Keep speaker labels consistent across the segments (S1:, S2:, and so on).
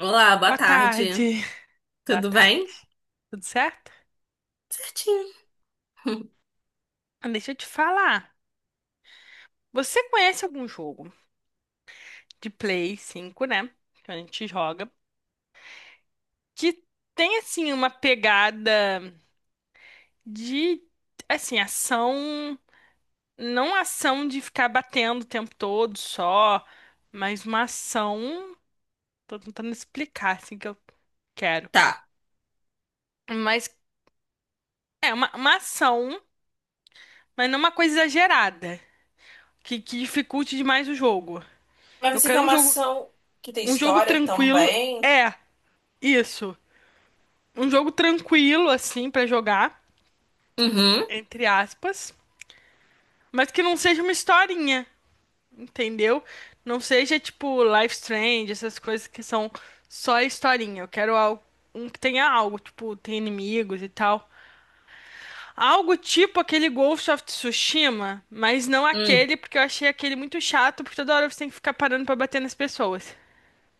S1: Olá, boa
S2: Boa
S1: tarde.
S2: tarde. Boa
S1: Tudo
S2: tarde.
S1: bem?
S2: Tudo certo?
S1: Certinho.
S2: Ah, deixa eu te falar. Você conhece algum jogo de Play 5, né? Que a gente joga, que tem assim uma pegada de assim, ação, não ação de ficar batendo o tempo todo só, mas uma ação, tô tentando explicar assim que eu quero.
S1: Tá.
S2: Mas é uma ação, mas não uma coisa exagerada, que dificulte demais o jogo.
S1: Mas
S2: Eu
S1: você quer
S2: quero um
S1: uma
S2: jogo.
S1: ação que tem
S2: Um jogo
S1: história
S2: tranquilo
S1: também?
S2: é isso. Um jogo tranquilo, assim, pra jogar,
S1: Uhum.
S2: entre aspas. Mas que não seja uma historinha, entendeu? Não seja tipo Life Strange, essas coisas que são só historinha. Eu quero algo, um que tenha algo, tipo, tem inimigos e tal. Algo tipo aquele Ghost of Tsushima, mas não
S1: Hum.
S2: aquele, porque eu achei aquele muito chato, porque toda hora você tem que ficar parando pra bater nas pessoas.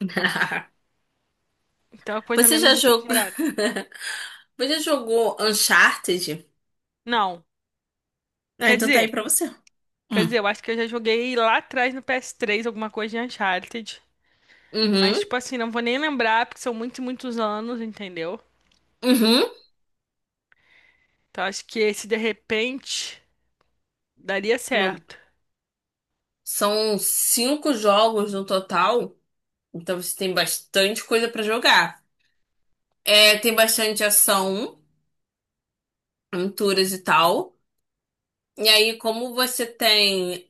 S2: Então é uma coisa
S1: Você já
S2: menos
S1: jogou.
S2: exagerada.
S1: Você já jogou Uncharted?
S2: Não.
S1: Ah,
S2: Quer
S1: então tá aí
S2: dizer,
S1: pra você.
S2: Quer
S1: Hum.
S2: dizer, eu acho que eu já joguei lá atrás no PS3 alguma coisa de Uncharted. Mas,
S1: Uhum.
S2: tipo assim, não vou nem lembrar, porque são muitos e muitos anos, entendeu?
S1: Uhum.
S2: Então acho que esse de repente daria
S1: Uma-
S2: certo.
S1: São cinco jogos no total. Então você tem bastante coisa pra jogar. É, tem bastante ação, aventuras e tal. E aí, como você tem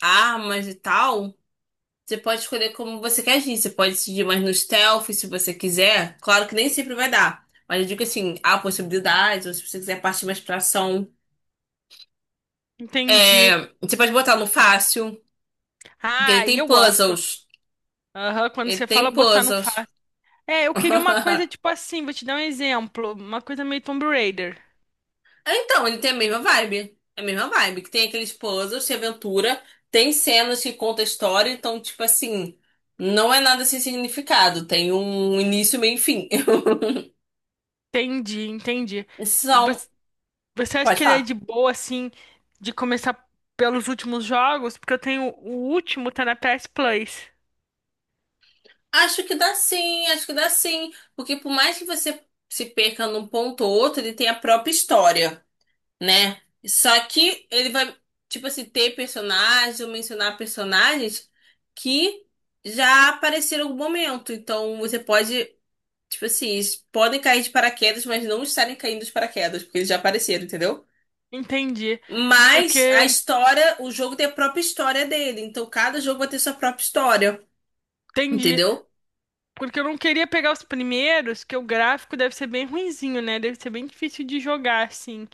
S1: armas e tal, você pode escolher como você quer agir. Você pode decidir mais no stealth, se você quiser. Claro que nem sempre vai dar. Mas eu digo assim, há possibilidades, ou se você quiser partir mais pra ação.
S2: Entendi.
S1: É, você pode botar no fácil, porque ele
S2: Ah, e
S1: tem
S2: eu gosto.
S1: puzzles.
S2: Aham, quando
S1: Ele
S2: você fala
S1: tem
S2: botar no
S1: puzzles.
S2: fácil. É, eu queria uma coisa tipo assim, vou te dar um exemplo. Uma coisa meio Tomb Raider.
S1: Então, ele tem a mesma vibe. É a mesma vibe, que tem aqueles puzzles de aventura, tem cenas que contam a história, então, tipo assim, não é nada sem significado. Tem um início, meio e fim.
S2: Entendi, entendi. E
S1: São.
S2: você, você acha
S1: Pode
S2: que ele é de
S1: falar.
S2: boa, assim, de começar pelos últimos jogos? Porque eu tenho o último, tá na PS Plus.
S1: Acho que dá sim, acho que dá sim. Porque por mais que você se perca num ponto ou outro, ele tem a própria história, né? Só que ele vai, tipo assim, ter personagens ou mencionar personagens que já apareceram em algum momento. Então você pode, tipo assim, eles podem cair de paraquedas, mas não estarem caindo de paraquedas, porque eles já apareceram, entendeu?
S2: Entendi. Porque
S1: Mas a
S2: eu
S1: história, o jogo tem a própria história dele. Então cada jogo vai ter sua própria história,
S2: entendi.
S1: entendeu?
S2: Porque eu não queria pegar os primeiros, que o gráfico deve ser bem ruinzinho, né? Deve ser bem difícil de jogar, assim,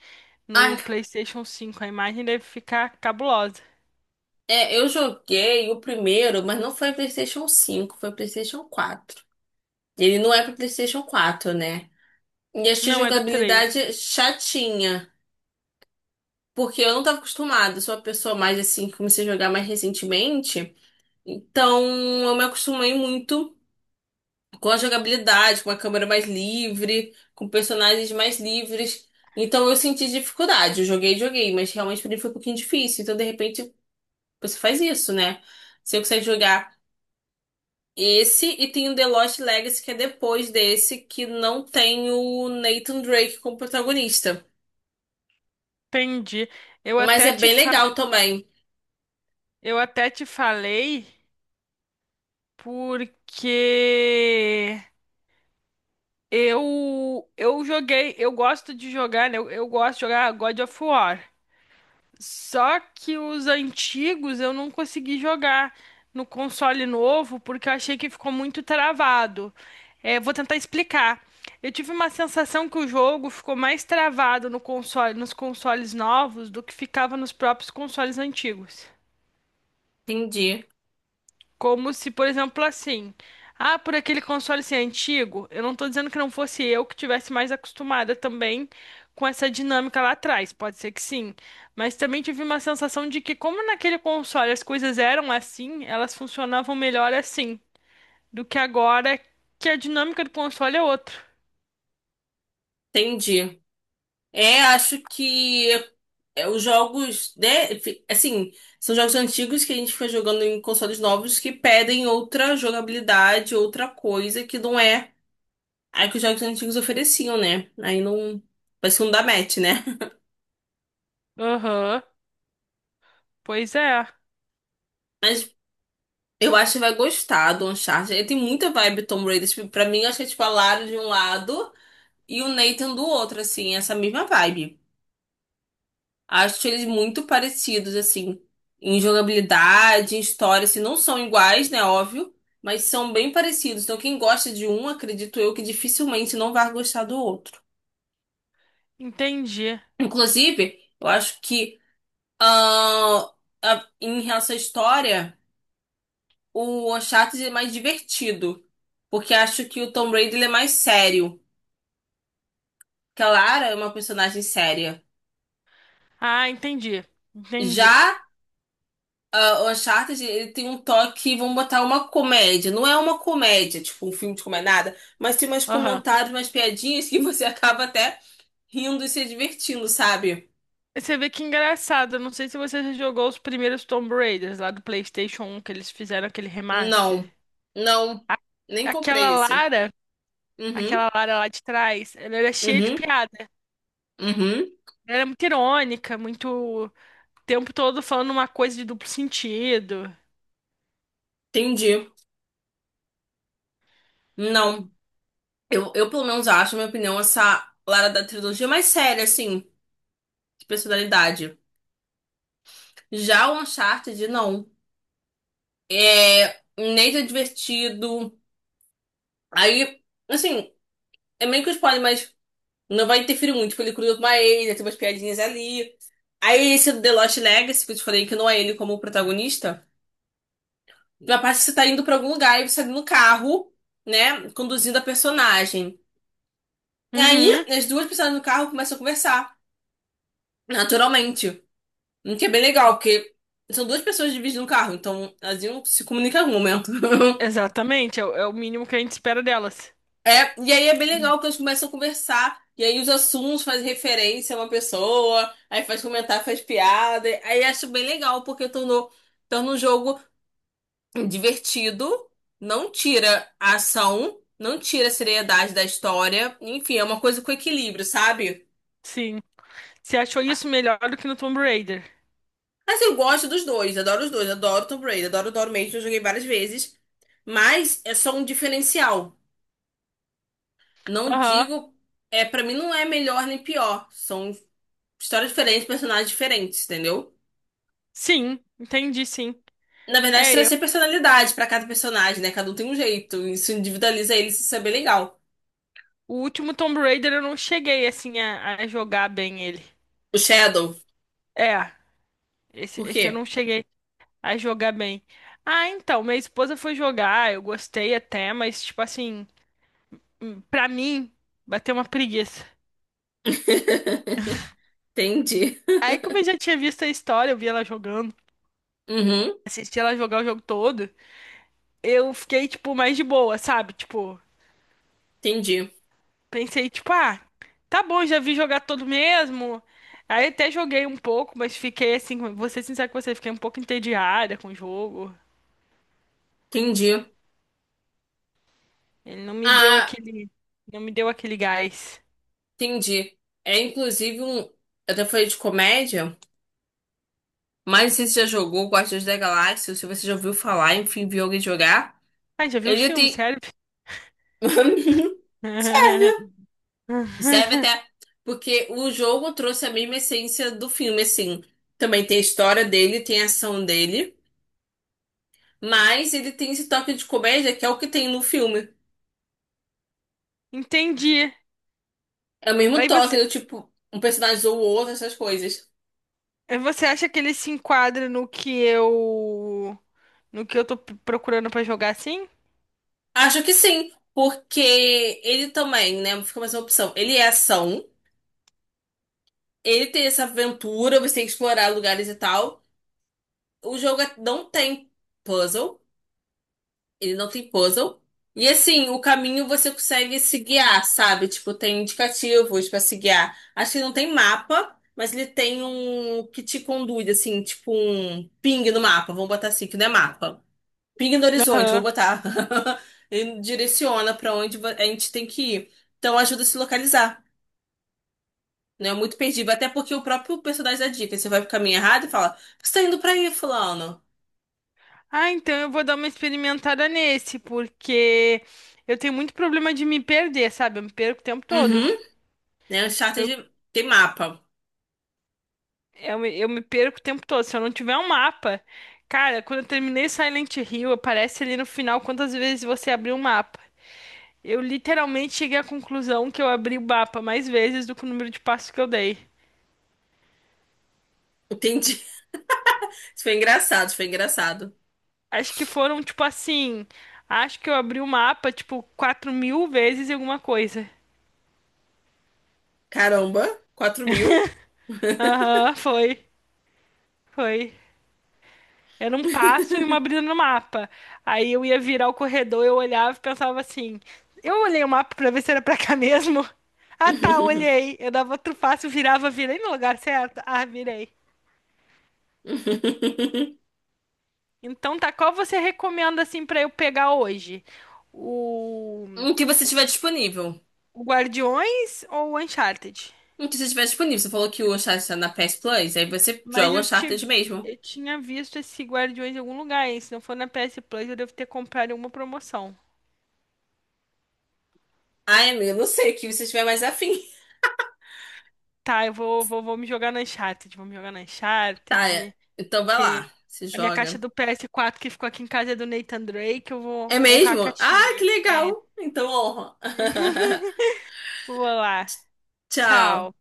S2: no
S1: Ah.
S2: PlayStation 5. A imagem deve ficar cabulosa.
S1: É, eu joguei o primeiro, mas não foi PlayStation cinco, foi PlayStation quatro. Ele não é para PlayStation quatro, né? E achei a
S2: Não, é do três.
S1: jogabilidade chatinha, porque eu não tava acostumada, sou uma pessoa mais assim que comecei a jogar mais recentemente, então eu me acostumei muito com a jogabilidade, com a câmera mais livre, com personagens mais livres. Então eu senti dificuldade. Eu joguei, joguei, mas realmente pra mim foi um pouquinho difícil. Então de repente você faz isso, né? Você consegue jogar esse e tem o The Lost Legacy, que é depois desse, que não tem o Nathan Drake como protagonista.
S2: Entendi. Eu
S1: Mas
S2: até
S1: é
S2: te
S1: bem
S2: fa...
S1: legal também.
S2: eu até te falei porque eu joguei, eu gosto de jogar, né? Eu gosto de jogar God of War. Só que os antigos eu não consegui jogar no console novo porque eu achei que ficou muito travado. É, vou tentar explicar. Eu tive uma sensação que o jogo ficou mais travado no console, nos consoles novos do que ficava nos próprios consoles antigos.
S1: Entendi,
S2: Como se, por exemplo, assim, ah, por aquele console ser antigo, eu não tô dizendo que não fosse eu que tivesse mais acostumada também com essa dinâmica lá atrás, pode ser que sim, mas também tive uma sensação de que como naquele console as coisas eram assim, elas funcionavam melhor assim do que agora, que a dinâmica do console é outra.
S1: entendi. É, acho que é, os jogos, né, assim, são jogos antigos que a gente fica jogando em consoles novos que pedem outra jogabilidade, outra coisa que não é a que os jogos antigos ofereciam, né? Aí não, parece que não dá match, né?
S2: Aham, pois é,
S1: Mas eu acho que vai gostar do Uncharted. Ele tem muita vibe Tomb Raider. Tipo, pra mim, acho que é tipo a Lara de um lado e o Nathan do outro, assim, essa mesma vibe. Acho eles muito parecidos, assim, em jogabilidade, em história, assim, não são iguais, né? Óbvio, mas são bem parecidos. Então, quem gosta de um, acredito eu que dificilmente não vai gostar do outro.
S2: entendi.
S1: Inclusive, eu acho que ah, em relação à história, o Uncharted é mais divertido. Porque acho que o Tomb Raider ele é mais sério. Que a Lara é uma personagem séria.
S2: Ah, entendi. Entendi.
S1: Já ah, o Uncharted, ele tem um toque, vamos botar uma comédia. Não é uma comédia, tipo um filme de comédia, nada, mas tem umas
S2: Aham.
S1: comentários, umas piadinhas que você acaba até rindo e se divertindo, sabe?
S2: Você vê que engraçado, eu não sei se você já jogou os primeiros Tomb Raiders lá do PlayStation 1, que eles fizeram aquele remaster.
S1: Não, não,
S2: A-
S1: nem
S2: Aquela
S1: comprei esse.
S2: Lara, aquela
S1: Uhum,
S2: Lara lá de trás, ela era cheia de
S1: uhum,
S2: piada.
S1: uhum,
S2: Ela era muito irônica, muito o tempo todo falando uma coisa de duplo sentido.
S1: entendi. Não, eu pelo menos acho, na minha opinião, essa Lara da trilogia mais séria, assim, de personalidade. Já o Uncharted, não. É, Nate é divertido. Aí, assim, é meio que um spoiler, mas não vai interferir muito, porque ele cruza com a Ellie, tem umas piadinhas ali. Aí esse do The Lost Legacy, que eu te falei que não é ele como protagonista, na parte que você tá indo pra algum lugar e você tá no carro, né, conduzindo a personagem. Aí
S2: Uhum,
S1: as duas pessoas no carro começam a conversar, naturalmente. O que é bem legal, porque são duas pessoas dividindo o carro, então elas iam se comunicar em algum momento.
S2: exatamente, é, o é o mínimo que a gente espera delas.
S1: É, e aí é bem legal que eles começam a conversar, e aí os assuntos fazem referência a uma pessoa, aí faz comentário, faz piada, aí acho bem legal, porque tornou, torna um jogo divertido, não tira a ação, não tira a seriedade da história, enfim, é uma coisa com equilíbrio, sabe?
S2: Sim. Você achou isso melhor do que no Tomb Raider?
S1: Mas eu gosto dos dois, adoro os dois, adoro Tomb Raider, adoro Dory Mansion, eu joguei várias vezes, mas é só um diferencial. Não
S2: Aham.
S1: digo, é, para mim não é melhor nem pior, são histórias diferentes, personagens diferentes, entendeu?
S2: Sim, entendi, sim.
S1: Na verdade,
S2: É, eu.
S1: trazer personalidade pra cada personagem, né? Cada um tem um jeito. Isso individualiza eles, isso é bem legal.
S2: O último Tomb Raider eu não cheguei assim a jogar bem ele.
S1: O Shadow,
S2: É, esse,
S1: por
S2: esse eu não
S1: quê?
S2: cheguei a jogar bem. Ah, então, minha esposa foi jogar, eu gostei até, mas, tipo assim, pra mim, bateu uma preguiça.
S1: Entendi.
S2: Aí, como eu já tinha visto a história, eu vi ela jogando,
S1: Uhum,
S2: assisti ela jogar o jogo todo, eu fiquei, tipo, mais de boa, sabe? Tipo,
S1: entendi.
S2: pensei, tipo, ah, tá bom, já vi jogar todo mesmo. Aí até joguei um pouco, mas fiquei assim, vou ser sincera com você, fiquei um pouco entediada com o jogo.
S1: Entendi.
S2: Ele não me deu
S1: Ah,
S2: aquele, não me deu aquele gás.
S1: entendi. É inclusive um. Até falei de comédia, mas não sei se você já jogou Guardiões da Galáxia, ou se você já ouviu falar, enfim, viu alguém jogar.
S2: Ai, já viu os
S1: Ele
S2: filmes,
S1: tem.
S2: sério?
S1: Serve! Serve até porque o jogo trouxe a mesma essência do filme, assim. Também tem a história dele, tem a ação dele, mas ele tem esse toque de comédia que é o que tem no filme.
S2: Entendi.
S1: É o mesmo
S2: Aí
S1: toque
S2: você,
S1: do tipo, um personagem zoa o outro, essas coisas.
S2: aí você acha que ele se enquadra no que eu tô procurando pra jogar assim?
S1: Acho que sim, porque ele também, né? Fica mais uma opção. Ele é ação, ele tem essa aventura, você tem que explorar lugares e tal. O jogo não tem puzzle. Ele não tem puzzle. E assim, o caminho você consegue se guiar, sabe? Tipo, tem indicativos pra se guiar. Acho que não tem mapa, mas ele tem um que te conduz, assim, tipo um ping no mapa. Vamos botar assim, que não é mapa. Ping no horizonte, vou
S2: Aham.
S1: botar. Ele direciona pra onde a gente tem que ir. Então ajuda a se localizar. Não é muito perdido, até porque o próprio personagem dá dica. Você vai pro caminho errado e fala: Você tá indo pra aí, fulano.
S2: Ah, então eu vou dar uma experimentada nesse, porque eu tenho muito problema de me perder, sabe? Eu me perco o tempo todo.
S1: Uhum. Né? O
S2: Eu,
S1: Uncharted tem mapa.
S2: eu me perco o tempo todo. Se eu não tiver um mapa. Cara, quando eu terminei Silent Hill, aparece ali no final quantas vezes você abriu o mapa. Eu literalmente cheguei à conclusão que eu abri o mapa mais vezes do que o número de passos que eu dei.
S1: Entendi. Isso foi engraçado, isso foi engraçado.
S2: Acho que foram, tipo assim. Acho que eu abri o mapa, tipo, 4.000 vezes e alguma coisa.
S1: Caramba, 4.000?
S2: Aham, foi. Foi. Era um passo e uma abrida no mapa. Aí eu ia virar o corredor, eu olhava e pensava assim: eu olhei o mapa pra ver se era pra cá mesmo. Ah tá, olhei. Eu dava outro passo, virava, virei no lugar certo. Ah, virei. Então tá, qual você recomenda assim pra eu pegar hoje? O,
S1: O que você tiver disponível.
S2: o Guardiões ou o Uncharted?
S1: O que você tiver disponível. Você falou que o Uncharted tá na PS Plus, aí você
S2: Mas
S1: joga o
S2: eu, ti-
S1: Uncharted mesmo.
S2: eu tinha visto esse Guardiões em algum lugar, hein? Se não for na PS Plus, eu devo ter comprado em alguma promoção.
S1: Ai, amiga, não sei, o que você tiver mais afim.
S2: Tá, eu vou me jogar no Uncharted,
S1: Tá, é, então vai
S2: Que
S1: lá, se
S2: a minha caixa
S1: joga.
S2: do PS4 que ficou aqui em casa é do Nathan Drake, eu
S1: É
S2: vou honrar a
S1: mesmo? Ah, que
S2: caixinha.
S1: legal. Então honra.
S2: Vou lá.
S1: Tchau.
S2: Tchau.